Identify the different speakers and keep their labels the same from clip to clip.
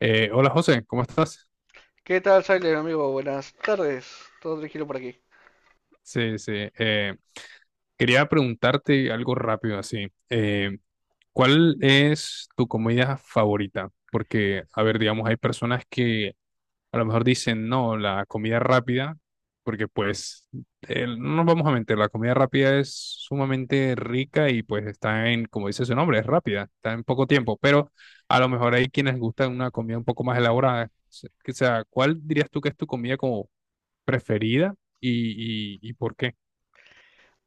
Speaker 1: Hola José, ¿cómo estás?
Speaker 2: ¿Qué tal, Silent, amigo? Buenas tardes. Todo tranquilo por aquí.
Speaker 1: Sí, sí. eh, Quería preguntarte algo rápido así. ¿Cuál es tu comida favorita? Porque, a ver, digamos, hay personas que a lo mejor dicen, no, la comida rápida, porque pues, no nos vamos a mentir, la comida rápida es sumamente rica y pues está en, como dice su nombre, es rápida, está en poco tiempo, pero a lo mejor hay quienes gustan una comida un poco más elaborada. O sea, ¿cuál dirías tú que es tu comida como preferida y por qué?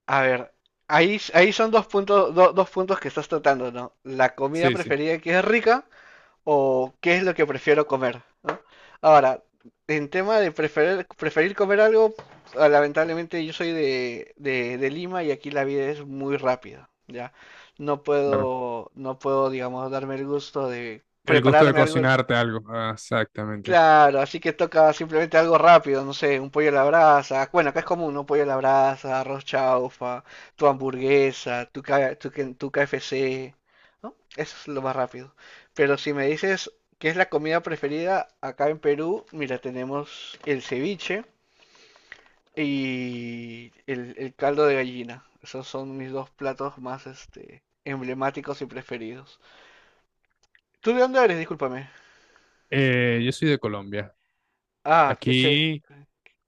Speaker 2: A ver, ahí son dos puntos, dos puntos que estás tratando, ¿no? La comida
Speaker 1: Sí, sí,
Speaker 2: preferida que es rica o qué es lo que prefiero comer, ¿no? Ahora, en tema de preferir, preferir comer algo, lamentablemente yo soy de Lima y aquí la vida es muy rápida, ¿ya? No
Speaker 1: claro.
Speaker 2: puedo, no puedo, digamos, darme el gusto de
Speaker 1: El gusto de
Speaker 2: prepararme algo.
Speaker 1: cocinarte algo. Ah, exactamente.
Speaker 2: Claro, así que toca simplemente algo rápido, no sé, un pollo a la brasa. Bueno, acá es común, ¿no? Pollo a la brasa, arroz chaufa, tu hamburguesa, tu KFC, ¿no? Eso es lo más rápido. Pero si me dices qué es la comida preferida acá en Perú, mira, tenemos el ceviche y el caldo de gallina. Esos son mis dos platos más, emblemáticos y preferidos. ¿Tú de dónde eres? Discúlpame.
Speaker 1: Yo soy de Colombia.
Speaker 2: Ah, qué chévere.
Speaker 1: Aquí,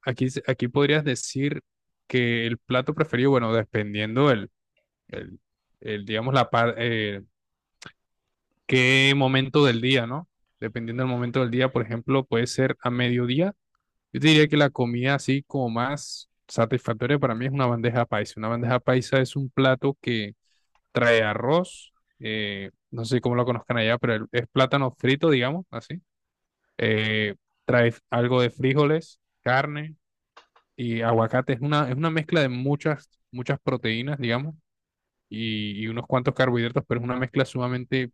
Speaker 1: aquí podrías decir que el plato preferido, bueno, dependiendo el, digamos, qué momento del día, ¿no? Dependiendo del momento del día, por ejemplo, puede ser a mediodía. Yo te diría que la comida así como más satisfactoria para mí es una bandeja paisa. Una bandeja paisa es un plato que trae arroz, no sé cómo lo conozcan allá, pero es plátano frito, digamos, así. Eh, Trae algo de frijoles, carne y aguacate. Es una mezcla de muchas proteínas, digamos, y unos cuantos carbohidratos, pero es una mezcla sumamente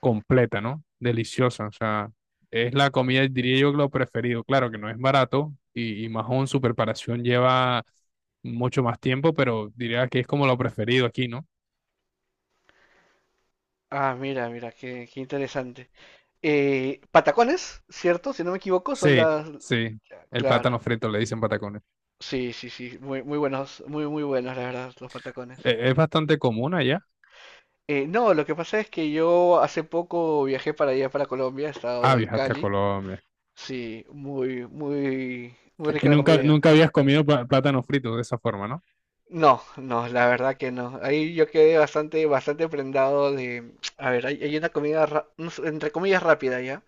Speaker 1: completa, ¿no? Deliciosa, o sea, es la comida, diría yo, lo preferido. Claro que no es barato y más aún su preparación lleva mucho más tiempo, pero diría que es como lo preferido aquí, ¿no?
Speaker 2: Ah, mira, qué interesante. Patacones, ¿cierto? Si no me equivoco, son
Speaker 1: Sí,
Speaker 2: las...
Speaker 1: sí. El plátano
Speaker 2: Claro.
Speaker 1: frito le dicen patacones.
Speaker 2: Sí, sí, sí. Muy buenos, muy buenos, la verdad, los patacones.
Speaker 1: Es bastante común allá.
Speaker 2: No, lo que pasa es que yo hace poco viajé para allá, para Colombia, he
Speaker 1: Ah,
Speaker 2: estado en
Speaker 1: viajaste a
Speaker 2: Cali.
Speaker 1: Colombia.
Speaker 2: Sí, muy
Speaker 1: Y
Speaker 2: rica la comida.
Speaker 1: nunca habías comido plátano frito de esa forma, ¿no?
Speaker 2: No, no, la verdad que no. Ahí yo quedé bastante prendado de... A ver, hay una comida, no sé, entre comillas, rápida ya,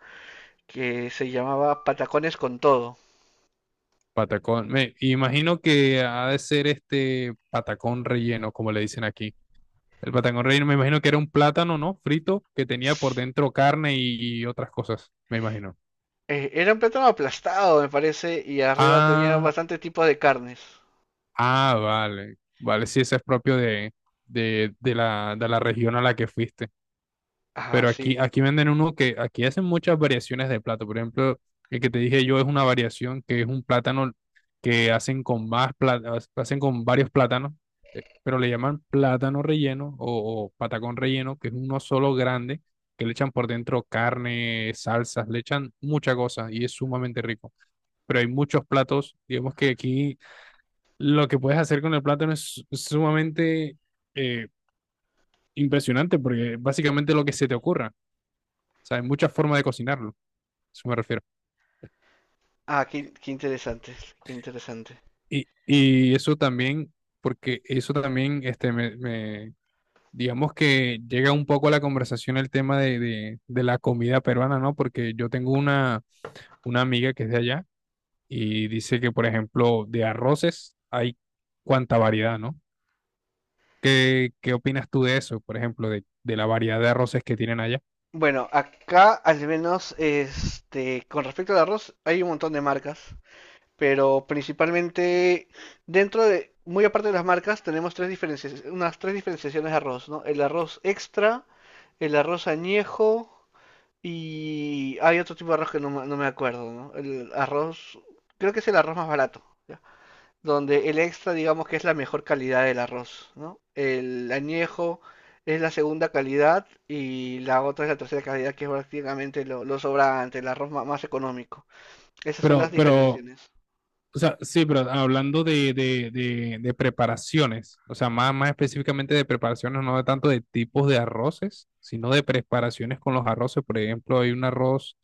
Speaker 2: que se llamaba patacones con todo.
Speaker 1: Patacón. Me imagino que ha de ser este patacón relleno, como le dicen aquí. El patacón relleno, me imagino que era un plátano, ¿no? Frito que tenía por dentro carne y otras cosas, me imagino.
Speaker 2: Era un plátano aplastado, me parece, y arriba tenía
Speaker 1: Ah,
Speaker 2: bastante tipos de carnes.
Speaker 1: vale. Vale, sí, ese es propio de la región a la que fuiste.
Speaker 2: Ah,
Speaker 1: Pero aquí,
Speaker 2: sí.
Speaker 1: aquí venden uno que aquí hacen muchas variaciones de plato. Por ejemplo, el que te dije yo es una variación que es un plátano que hacen con hacen con varios plátanos, pero le llaman plátano relleno o patacón relleno, que es uno solo grande, que le echan por dentro carne, salsas, le echan mucha cosa y es sumamente rico. Pero hay muchos platos, digamos que aquí lo que puedes hacer con el plátano es sumamente eh, impresionante porque básicamente lo que se te ocurra. O sea, hay muchas formas de cocinarlo, a eso me refiero.
Speaker 2: Ah, qué interesante, qué interesante.
Speaker 1: Y eso también, porque eso también, digamos que llega un poco a la conversación el tema de la comida peruana, ¿no? Porque yo tengo una amiga que es de allá y dice que, por ejemplo, de arroces hay cuánta variedad, ¿no? ¿Qué, qué opinas tú de eso, por ejemplo, de la variedad de arroces que tienen allá?
Speaker 2: Bueno, acá al menos, con respecto al arroz, hay un montón de marcas, pero principalmente dentro de, muy aparte de las marcas, tenemos tres diferencias, unas tres diferenciaciones de arroz, ¿no? El arroz extra, el arroz añejo y hay otro tipo de arroz que no, me acuerdo, ¿no? El arroz, creo que es el arroz más barato, ¿ya? Donde el extra, digamos que es la mejor calidad del arroz, ¿no? El añejo es la segunda calidad y la otra es la tercera calidad, que es prácticamente lo sobrante, el arroz más económico. Esas son las
Speaker 1: Pero, pero
Speaker 2: diferenciaciones.
Speaker 1: O sea, sí, pero hablando de preparaciones, o sea, más específicamente de preparaciones, no de tanto de tipos de arroces, sino de preparaciones con los arroces. Por ejemplo, hay un arroz,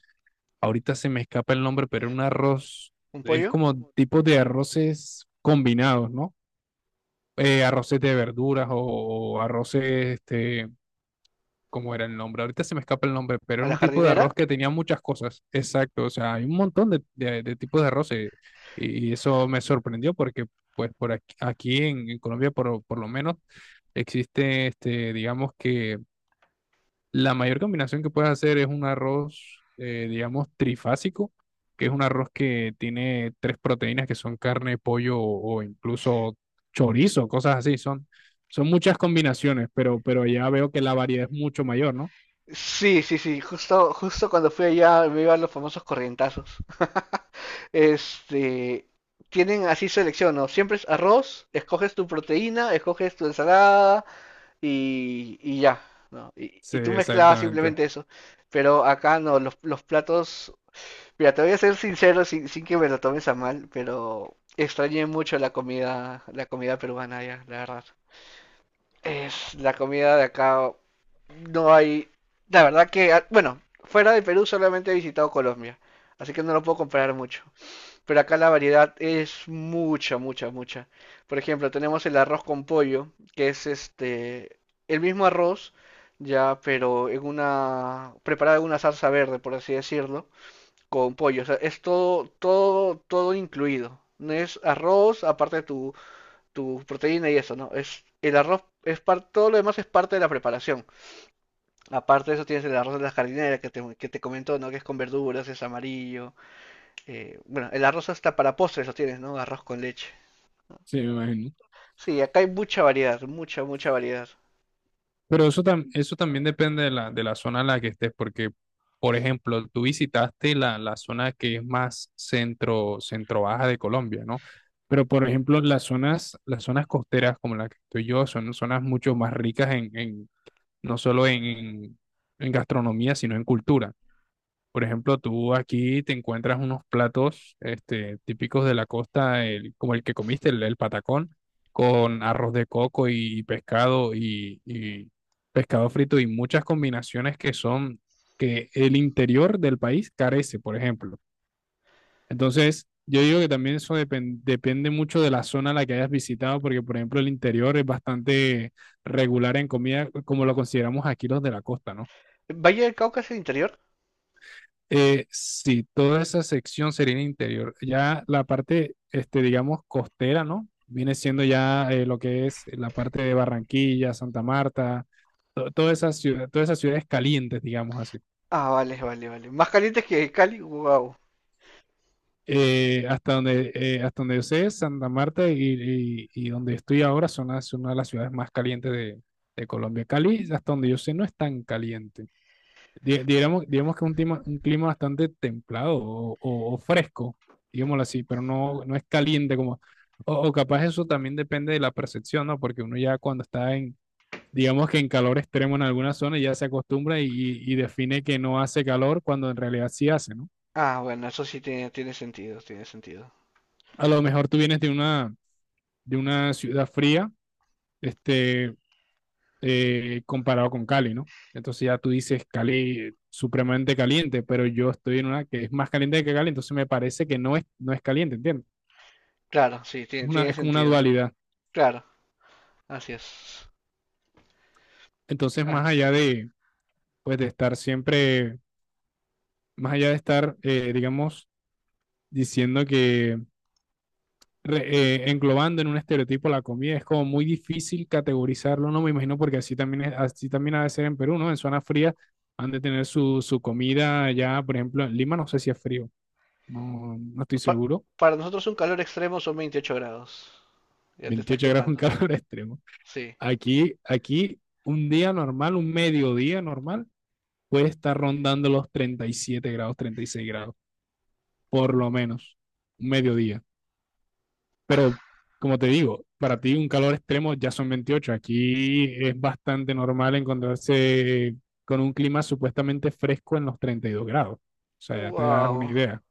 Speaker 1: ahorita se me escapa el nombre, pero un arroz,
Speaker 2: ¿Un
Speaker 1: es
Speaker 2: pollo?
Speaker 1: como tipos de arroces combinados, ¿no? Arroces de verduras o arroces este, ¿cómo era el nombre? Ahorita se me escapa el nombre, pero
Speaker 2: ¿A
Speaker 1: era
Speaker 2: la
Speaker 1: un tipo de arroz
Speaker 2: jardinera?
Speaker 1: que tenía muchas cosas. Exacto, o sea, hay un montón de, de tipos de arroz y eso me sorprendió porque, pues, por aquí, aquí en Colombia, por lo menos, existe, este, digamos que la mayor combinación que puedes hacer es un arroz, digamos, trifásico, que es un arroz que tiene tres proteínas que son carne, pollo o incluso chorizo, cosas así. Son, son muchas combinaciones, pero ya veo que la variedad es mucho mayor, ¿no?
Speaker 2: Sí, sí, sí, justo cuando fui allá me iban los famosos corrientazos. Este, tienen así selección, ¿no? Siempre es arroz, escoges tu proteína, escoges tu ensalada, y ya, ¿no?
Speaker 1: Sí,
Speaker 2: Y tú mezclabas
Speaker 1: exactamente.
Speaker 2: simplemente eso. Pero acá no, los platos. Mira, te voy a ser sincero sin que me lo tomes a mal, pero extrañé mucho la comida peruana ya, la verdad. Es la comida de acá. No hay. La verdad que, ah, bueno, fuera de Perú solamente he visitado Colombia, así que no lo puedo comparar mucho. Pero acá la variedad es mucha, mucha, mucha. Por ejemplo, tenemos el arroz con pollo, que es el mismo arroz, ya, pero en una preparado en una salsa verde, por así decirlo, con pollo. O sea, es todo, todo, todo incluido. No es arroz, aparte de tu proteína y eso, ¿no? Es el arroz es par- Todo lo demás es parte de la preparación. Aparte de eso tienes el arroz de la jardinera que que te comentó, ¿no? Que es con verduras, es amarillo, bueno, el arroz hasta para postres lo tienes, ¿no? Arroz con leche.
Speaker 1: Sí, me imagino.
Speaker 2: Sí, acá hay mucha variedad, mucha, mucha variedad.
Speaker 1: Pero eso, eso también depende de la zona en la que estés, porque, por ejemplo, tú visitaste la, la zona que es más centro, centro baja de Colombia, ¿no? Pero, por ejemplo, las zonas costeras como la que estoy yo son zonas mucho más ricas no solo en gastronomía, sino en cultura. Por ejemplo, tú aquí te encuentras unos platos este, típicos de la costa, como el que comiste, el patacón, con arroz de coco y pescado frito y muchas combinaciones que son que el interior del país carece, por ejemplo. Entonces, yo digo que también eso depende mucho de la zona a la que hayas visitado, porque, por ejemplo, el interior es bastante regular en comida, como lo consideramos aquí los de la costa, ¿no?
Speaker 2: ¿Valle del Cauca es el interior?
Speaker 1: Sí, toda esa sección sería en interior. Ya la parte, este, digamos, costera, ¿no? Viene siendo ya lo que es la parte de Barranquilla, Santa Marta, todas esas ciudades calientes, digamos así.
Speaker 2: Ah, vale, vale, vale. ¿Más caliente que Cali? Wow.
Speaker 1: Hasta donde yo sé, Santa Marta y donde estoy ahora son una de las ciudades más calientes de Colombia. Cali, hasta donde yo sé, no es tan caliente. Digamos que es un clima bastante templado o fresco, digámoslo así, pero no, no es caliente como... O capaz eso también depende de la percepción, ¿no? Porque uno ya cuando está en, digamos que en calor extremo en alguna zona, ya se acostumbra y define que no hace calor cuando en realidad sí hace, ¿no?
Speaker 2: Ah, bueno, eso sí tiene, tiene sentido, tiene sentido.
Speaker 1: A lo mejor tú vienes de una ciudad fría, este, comparado con Cali, ¿no? Entonces ya tú dices Cali supremamente caliente, pero yo estoy en una que es más caliente que Cali, entonces me parece que no es, no es caliente, ¿entiendes?
Speaker 2: Claro, sí, tiene,
Speaker 1: Una,
Speaker 2: tiene
Speaker 1: es como una
Speaker 2: sentido.
Speaker 1: dualidad.
Speaker 2: Claro, así es.
Speaker 1: Entonces,
Speaker 2: Ah,
Speaker 1: pues, de estar siempre, más allá de estar, digamos, diciendo que, englobando en un estereotipo la comida, es como muy difícil categorizarlo, no me imagino, porque así también, así también ha de ser en Perú, ¿no? En zona fría han de tener su, su comida ya, por ejemplo, en Lima no sé si es frío, no, no estoy
Speaker 2: pa-
Speaker 1: seguro.
Speaker 2: para nosotros un calor extremo son 28 grados. Ya te estás
Speaker 1: 28 grados en
Speaker 2: quemando.
Speaker 1: calor extremo.
Speaker 2: Sí.
Speaker 1: Aquí, aquí, un día normal, un mediodía normal, puede estar rondando los 37 grados, 36 grados, por lo menos, un mediodía. Pero, como te digo, para ti un calor extremo ya son 28. Aquí es bastante normal encontrarse con un clima supuestamente fresco en los 32 grados. O sea, ya te das una
Speaker 2: Wow.
Speaker 1: idea.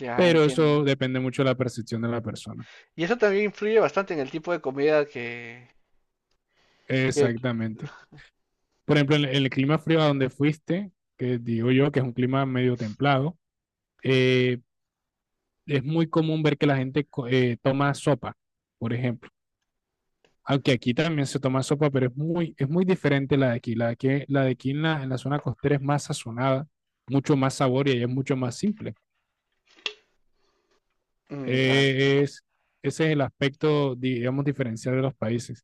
Speaker 2: Ya
Speaker 1: Pero
Speaker 2: entiendo.
Speaker 1: eso depende mucho de la percepción de la persona.
Speaker 2: Y eso también influye bastante en el tipo de comida que.
Speaker 1: Exactamente. Por ejemplo, en el clima frío a donde fuiste, que digo yo que es un clima medio templado, eh, es muy común ver que la gente toma sopa, por ejemplo. Aunque aquí también se toma sopa, pero es muy diferente la de aquí. La de aquí, la de aquí en la zona costera es más sazonada, mucho más sabor y ahí es mucho más simple.
Speaker 2: Mm, dale.
Speaker 1: Eh, es, Ese es el aspecto, digamos, diferencial de los países.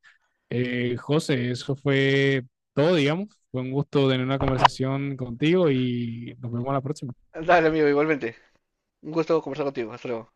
Speaker 1: José, eso fue todo, digamos. Fue un gusto tener una conversación contigo y nos vemos a la próxima.
Speaker 2: Dale, amigo, igualmente. Un gusto conversar contigo. Hasta luego.